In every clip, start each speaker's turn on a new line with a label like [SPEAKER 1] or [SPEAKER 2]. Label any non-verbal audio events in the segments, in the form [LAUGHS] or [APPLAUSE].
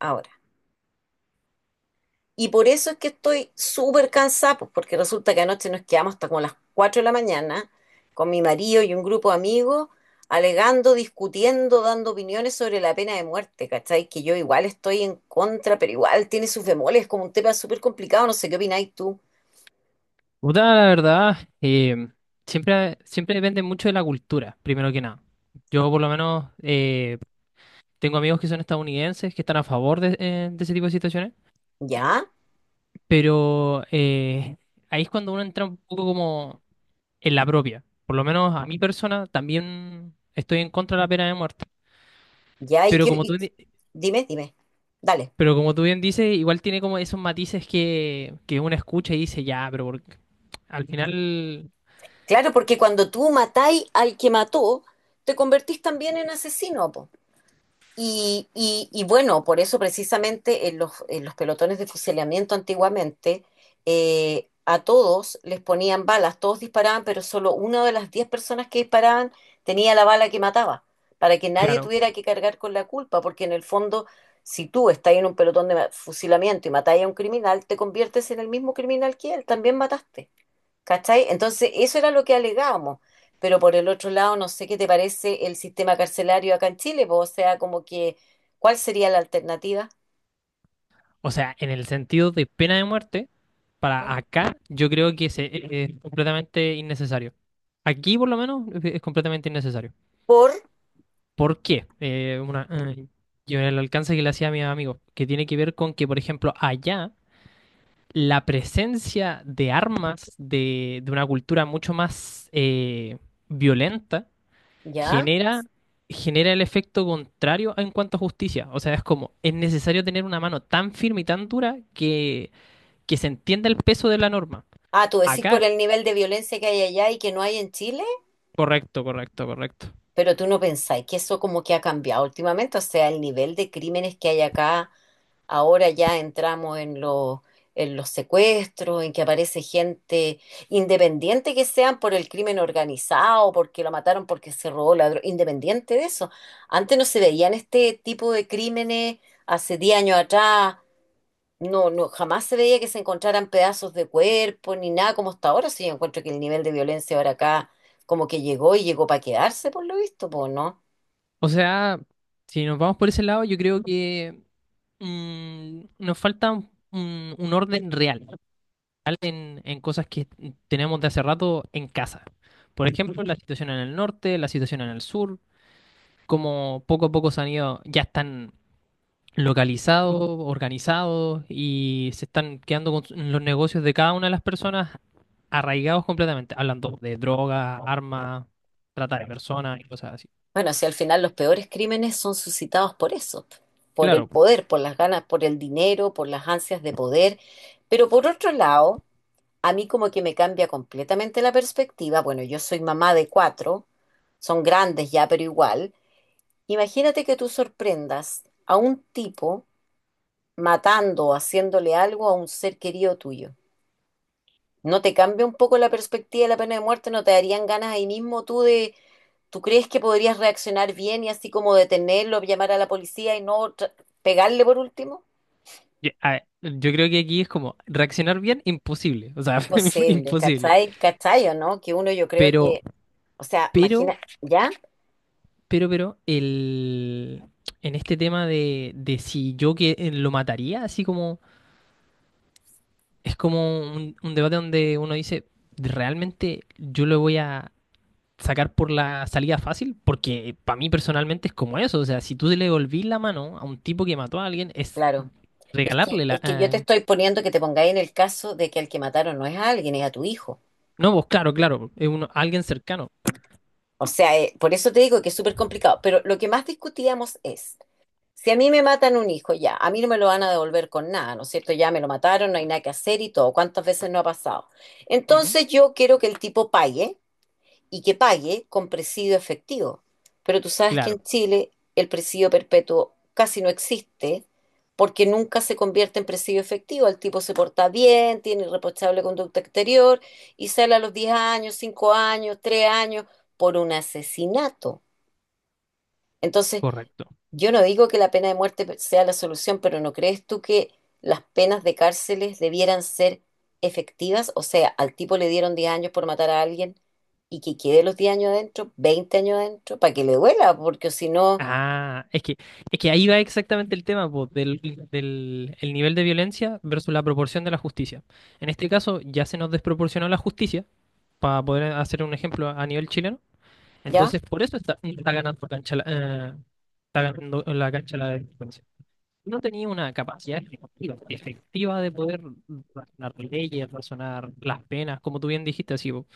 [SPEAKER 1] Ahora. Y por eso es que estoy súper cansada, pues, porque resulta que anoche nos quedamos hasta como las 4 de la mañana con mi marido y un grupo de amigos, alegando, discutiendo, dando opiniones sobre la pena de muerte, ¿cachai? Que yo igual estoy en contra, pero igual tiene sus bemoles, es como un tema súper complicado, no sé qué opináis tú.
[SPEAKER 2] Puta, la verdad, siempre depende mucho de la cultura, primero que nada. Yo por lo menos tengo amigos que son estadounidenses, que están a favor de ese tipo de situaciones,
[SPEAKER 1] ¿Ya?
[SPEAKER 2] pero ahí es cuando uno entra un poco como en la propia. Por lo menos a mi persona también estoy en contra de la pena de muerte.
[SPEAKER 1] ¿Ya? ¿Y
[SPEAKER 2] Pero
[SPEAKER 1] qué?
[SPEAKER 2] como tú, di-
[SPEAKER 1] Dime, dime. Dale.
[SPEAKER 2] pero como tú bien dices, igual tiene como esos matices que uno escucha y dice, ya, al final,
[SPEAKER 1] Claro, porque cuando tú matáis al que mató, te convertís también en asesino, po. Y bueno, por eso precisamente en los pelotones de fusilamiento antiguamente, a todos les ponían balas, todos disparaban, pero solo una de las 10 personas que disparaban tenía la bala que mataba, para que nadie
[SPEAKER 2] claro.
[SPEAKER 1] tuviera que cargar con la culpa, porque en el fondo, si tú estás en un pelotón de fusilamiento y matáis a un criminal, te conviertes en el mismo criminal que él, también mataste. ¿Cachai? Entonces, eso era lo que alegábamos. Pero por el otro lado, no sé qué te parece el sistema carcelario acá en Chile, po, o sea, como que, ¿cuál sería la alternativa?
[SPEAKER 2] O sea, en el sentido de pena de muerte. Para
[SPEAKER 1] ¿Mm?
[SPEAKER 2] acá, yo creo que es completamente innecesario. Aquí, por lo menos, es completamente innecesario.
[SPEAKER 1] Por,
[SPEAKER 2] ¿Por qué? Una, yo el alcance que le hacía a mis amigos, que tiene que ver con que, por ejemplo, allá la presencia de armas de una cultura mucho más violenta
[SPEAKER 1] ¿ya?
[SPEAKER 2] genera, genera el efecto contrario en cuanto a justicia. O sea, es como, es necesario tener una mano tan firme y tan dura que se entienda el peso de la norma.
[SPEAKER 1] Ah, tú decís por
[SPEAKER 2] Acá
[SPEAKER 1] el nivel de violencia que hay allá y que no hay en Chile,
[SPEAKER 2] correcto, correcto, correcto.
[SPEAKER 1] pero tú no pensáis que eso como que ha cambiado últimamente, o sea, el nivel de crímenes que hay acá. Ahora ya entramos en los secuestros, en que aparece gente independiente que sean por el crimen organizado, porque lo mataron, porque se robó la droga, independiente de eso. Antes no se veían este tipo de crímenes, hace 10 años atrás, no, no, jamás se veía que se encontraran pedazos de cuerpo ni nada como hasta ahora. Sí, yo encuentro que el nivel de violencia ahora acá como que llegó y llegó para quedarse, por lo visto, pues, ¿no?
[SPEAKER 2] O sea, si nos vamos por ese lado, yo creo que nos falta un orden real, real en cosas que tenemos de hace rato en casa. Por ejemplo, la situación en el norte, la situación en el sur, como poco a poco se han ido, ya están localizados, organizados y se están quedando con los negocios de cada una de las personas arraigados completamente, hablando de droga, armas, trata de personas y cosas así.
[SPEAKER 1] Bueno, si al final los peores crímenes son suscitados por eso, por el
[SPEAKER 2] Claro.
[SPEAKER 1] poder, por las ganas, por el dinero, por las ansias de poder. Pero por otro lado, a mí como que me cambia completamente la perspectiva. Bueno, yo soy mamá de cuatro, son grandes ya, pero igual. Imagínate que tú sorprendas a un tipo matando o haciéndole algo a un ser querido tuyo. ¿No te cambia un poco la perspectiva de la pena de muerte? ¿No te darían ganas ahí mismo tú de, tú crees que podrías reaccionar bien y así como detenerlo, llamar a la policía y no tra- pegarle por último?
[SPEAKER 2] Ya, a ver, yo creo que aquí es como reaccionar bien, imposible, o sea, [LAUGHS]
[SPEAKER 1] Imposible,
[SPEAKER 2] imposible.
[SPEAKER 1] ¿cachai? ¿Cachai o no? Que uno yo creo
[SPEAKER 2] Pero,
[SPEAKER 1] que, o sea,
[SPEAKER 2] pero,
[SPEAKER 1] imagina, ¿ya?
[SPEAKER 2] pero, pero, el, en este tema de si yo que lo mataría, así como, es como un debate donde uno dice, ¿realmente yo lo voy a sacar por la salida fácil? Porque para mí personalmente es como eso, o sea, si tú le devolvís la mano a un tipo que mató a alguien, es
[SPEAKER 1] Claro. Es que,
[SPEAKER 2] regalarle
[SPEAKER 1] es que yo te estoy poniendo que te pongáis en el caso de que al que mataron no es a alguien, es a tu hijo.
[SPEAKER 2] no, vos, claro, claro, es uno, alguien cercano.
[SPEAKER 1] O sea, por eso te digo que es súper complicado. Pero lo que más discutíamos es... Si a mí me matan un hijo, ya, a mí no me lo van a devolver con nada, ¿no es cierto? Ya me lo mataron, no hay nada que hacer y todo. ¿Cuántas veces no ha pasado?
[SPEAKER 2] Ujú.
[SPEAKER 1] Entonces yo quiero que el tipo pague y que pague con presidio efectivo. Pero tú sabes que en
[SPEAKER 2] Claro.
[SPEAKER 1] Chile el presidio perpetuo casi no existe porque nunca se convierte en presidio efectivo. El tipo se porta bien, tiene irreprochable conducta exterior y sale a los 10 años, 5 años, 3 años por un asesinato. Entonces,
[SPEAKER 2] Correcto.
[SPEAKER 1] yo no digo que la pena de muerte sea la solución, pero ¿no crees tú que las penas de cárceles debieran ser efectivas? O sea, al tipo le dieron 10 años por matar a alguien y que quede los 10 años adentro, 20 años adentro, para que le duela, porque si no,
[SPEAKER 2] Ah, es que, es que ahí va exactamente el tema, po, del el nivel de violencia versus la proporción de la justicia. En este caso, ya se nos desproporcionó la justicia, para poder hacer un ejemplo a nivel chileno.
[SPEAKER 1] ya,
[SPEAKER 2] Entonces, por eso está, está ganando cancha la, está ganando la cancha la delincuencia. No tenía una capacidad efectiva, efectiva de poder razonar leyes, razonar las penas, como tú bien dijiste, así, po.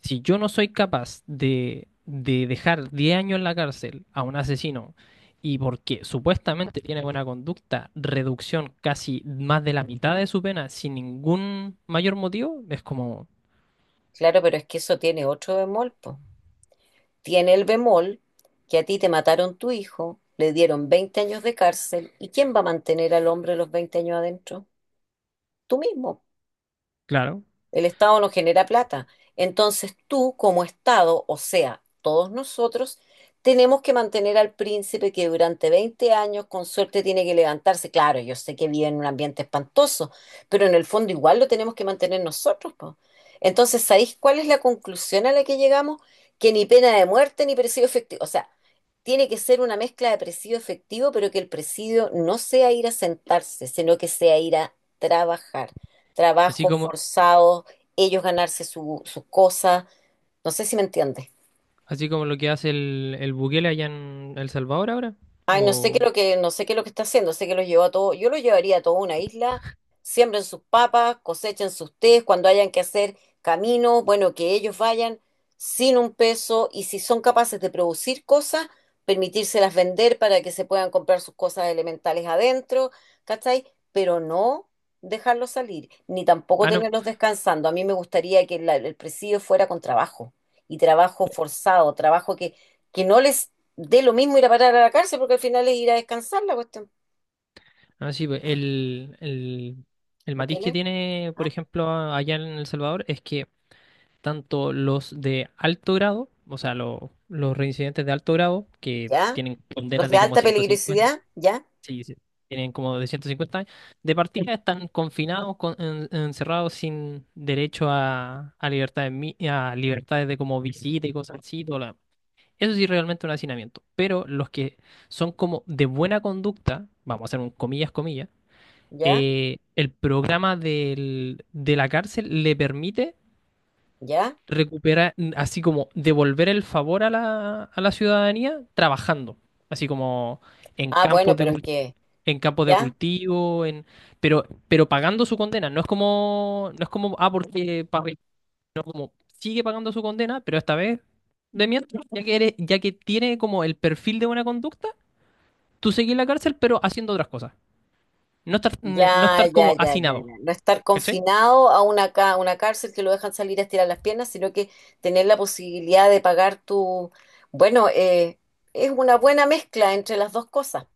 [SPEAKER 2] Si yo no soy capaz de dejar 10 años en la cárcel a un asesino y porque supuestamente tiene buena conducta, reducción casi más de la mitad de su pena sin ningún mayor motivo, es como,
[SPEAKER 1] claro, pero es que eso tiene otro bemol, po. Tiene el bemol que a ti te mataron tu hijo, le dieron 20 años de cárcel, ¿y quién va a mantener al hombre los 20 años adentro? Tú mismo.
[SPEAKER 2] claro,
[SPEAKER 1] El Estado no genera plata. Entonces tú, como Estado, o sea, todos nosotros, tenemos que mantener al príncipe que durante 20 años con suerte tiene que levantarse. Claro, yo sé que vive en un ambiente espantoso, pero en el fondo igual lo tenemos que mantener nosotros, po. Entonces, ¿sabéis cuál es la conclusión a la que llegamos? Que ni pena de muerte ni presidio efectivo. O sea, tiene que ser una mezcla de presidio efectivo, pero que el presidio no sea ir a sentarse, sino que sea ir a trabajar.
[SPEAKER 2] así
[SPEAKER 1] Trabajos
[SPEAKER 2] como,
[SPEAKER 1] forzados ellos ganarse sus cosas. No sé si me entiendes.
[SPEAKER 2] así como lo que hace el Bukele allá en El Salvador ahora,
[SPEAKER 1] Ay, no sé qué es
[SPEAKER 2] o...
[SPEAKER 1] lo que, no sé qué es lo que está haciendo, sé que los llevó a todo, yo los llevaría a toda una isla, siembren sus papas, cosechen sus tés, cuando hayan que hacer camino, bueno, que ellos vayan sin un peso y si son capaces de producir cosas, permitírselas vender para que se puedan comprar sus cosas elementales adentro, ¿cachai? Pero no dejarlos salir, ni tampoco
[SPEAKER 2] Ah, no,
[SPEAKER 1] tenerlos descansando. A mí me gustaría que el presidio fuera con trabajo y trabajo forzado, trabajo que no les de lo mismo ir a parar a la cárcel, porque al final es ir a descansar la cuestión.
[SPEAKER 2] ah, sí, pues, el matiz que
[SPEAKER 1] Bukele,
[SPEAKER 2] tiene, por
[SPEAKER 1] ah,
[SPEAKER 2] ejemplo, allá en El Salvador es que tanto los de alto grado, o sea, los reincidentes de alto grado, que
[SPEAKER 1] ya.
[SPEAKER 2] tienen
[SPEAKER 1] Los
[SPEAKER 2] condenas
[SPEAKER 1] de
[SPEAKER 2] de como
[SPEAKER 1] alta
[SPEAKER 2] 150,
[SPEAKER 1] peligrosidad, ya,
[SPEAKER 2] sí, sí, tienen como de 150 años, de partida están confinados, encerrados sin derecho a a libertades de como visita y cosas así. Todo lo demás. Eso sí, realmente un hacinamiento. Pero los que son como de buena conducta, vamos a hacer un comillas, comillas,
[SPEAKER 1] ya,
[SPEAKER 2] el programa de la cárcel le permite
[SPEAKER 1] ya.
[SPEAKER 2] recuperar, así como devolver el favor a la ciudadanía trabajando, así como en
[SPEAKER 1] Ah, bueno, pero es que,
[SPEAKER 2] en campos de
[SPEAKER 1] ya.
[SPEAKER 2] cultivo, pero pagando su condena. No es como, no es como, ah, porque pa- como sigue pagando su condena, pero esta vez de mientras, ya que tiene como el perfil de buena conducta, tú seguís en la cárcel, pero haciendo otras cosas. No estar, no
[SPEAKER 1] Ya,
[SPEAKER 2] estar
[SPEAKER 1] ya,
[SPEAKER 2] como
[SPEAKER 1] ya, ya,
[SPEAKER 2] hacinado,
[SPEAKER 1] ya. No estar
[SPEAKER 2] ¿cachai?
[SPEAKER 1] confinado a una cárcel que lo dejan salir a estirar las piernas, sino que tener la posibilidad de pagar tu... Bueno, es una buena mezcla entre las dos cosas.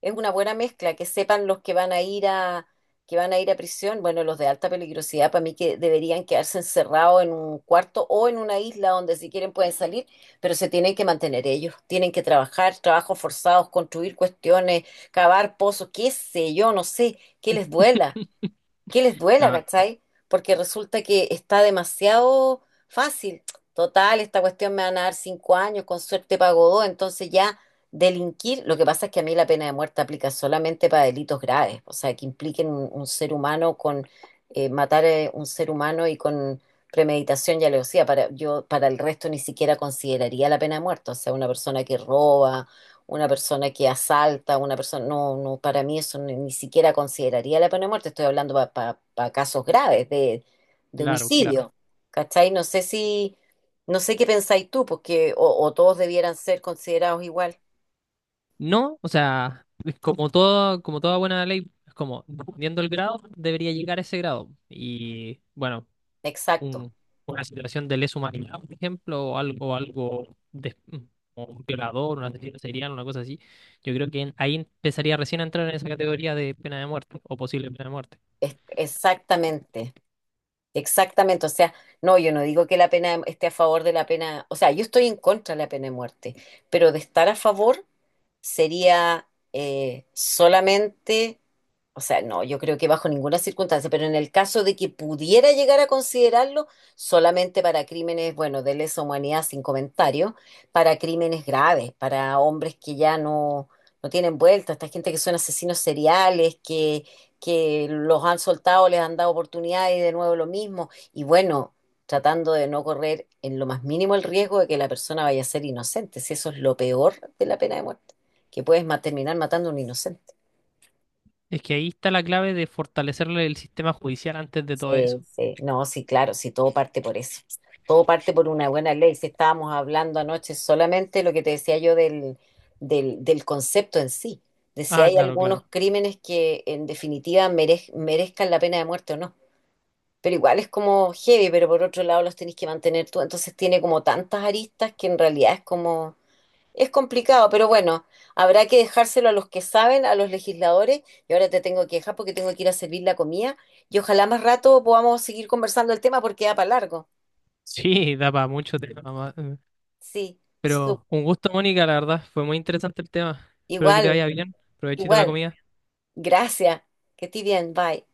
[SPEAKER 1] Es una buena mezcla, que sepan los que van a ir a, prisión, bueno, los de alta peligrosidad, para mí que deberían quedarse encerrados en un cuarto o en una isla donde si quieren pueden salir, pero se tienen que mantener ellos, tienen que trabajar, trabajos forzados, construir cuestiones, cavar pozos, qué sé yo, no sé que les duela,
[SPEAKER 2] [LAUGHS]
[SPEAKER 1] que les duela,
[SPEAKER 2] Ah,
[SPEAKER 1] ¿cachai? Porque resulta que está demasiado fácil. Total, esta cuestión me van a dar 5 años, con suerte pago dos, entonces ya delinquir. Lo que pasa es que a mí la pena de muerte aplica solamente para delitos graves, o sea, que impliquen un ser humano con matar a un ser humano y con premeditación y alevosía. Para, yo, para el resto ni siquiera consideraría la pena de muerte, o sea, una persona que roba una persona que asalta, una persona, no, no, para mí eso ni siquiera consideraría la pena de muerte, estoy hablando para casos graves de,
[SPEAKER 2] claro, claro.
[SPEAKER 1] homicidio, ¿cachai? No sé qué pensáis tú, porque o todos debieran ser considerados igual,
[SPEAKER 2] No, o sea, es como todo, como toda buena ley, es como, dependiendo del grado, debería llegar a ese grado. Y bueno,
[SPEAKER 1] exacto,
[SPEAKER 2] un- una situación de lesa humanidad, por ejemplo, o algo, algo de, como un violador, un asesino serial, una cosa así, yo creo que ahí empezaría recién a entrar en esa categoría de pena de muerte o posible pena de muerte.
[SPEAKER 1] exactamente. Exactamente, o sea, no, yo no digo que la pena esté a favor de la pena, o sea, yo estoy en contra de la pena de muerte, pero de estar a favor sería solamente, o sea, no, yo creo que bajo ninguna circunstancia, pero en el caso de que pudiera llegar a considerarlo, solamente para crímenes, bueno, de lesa humanidad sin comentario, para crímenes graves, para hombres que ya no, no tienen vuelta, esta gente que son asesinos seriales, que los han soltado, les han dado oportunidades y de nuevo lo mismo. Y bueno, tratando de no correr en lo más mínimo el riesgo de que la persona vaya a ser inocente. Si eso es lo peor de la pena de muerte, que puedes terminar matando a un inocente.
[SPEAKER 2] Es que ahí está la clave de fortalecerle el sistema judicial antes de todo eso.
[SPEAKER 1] Sí, sí. No, sí, claro, sí, todo parte por eso. Todo parte por una buena ley. Si estábamos hablando anoche solamente lo que te decía yo del concepto en sí, de si
[SPEAKER 2] Ah,
[SPEAKER 1] hay
[SPEAKER 2] claro,
[SPEAKER 1] algunos
[SPEAKER 2] claro.
[SPEAKER 1] crímenes que en definitiva merezcan la pena de muerte o no. Pero igual es como heavy, pero por otro lado los tenés que mantener tú, entonces tiene como tantas aristas que en realidad es como, es complicado, pero bueno, habrá que dejárselo a los que saben, a los legisladores, y ahora te tengo que dejar porque tengo que ir a servir la comida, y ojalá más rato podamos seguir conversando el tema porque da para largo.
[SPEAKER 2] Sí, da para mucho tema.
[SPEAKER 1] Sí,
[SPEAKER 2] Pero un gusto, Mónica, la verdad, fue muy interesante el tema. Espero que te
[SPEAKER 1] igual,
[SPEAKER 2] vaya bien. Provechito la
[SPEAKER 1] igual,
[SPEAKER 2] comida.
[SPEAKER 1] gracias, que estés bien, bye.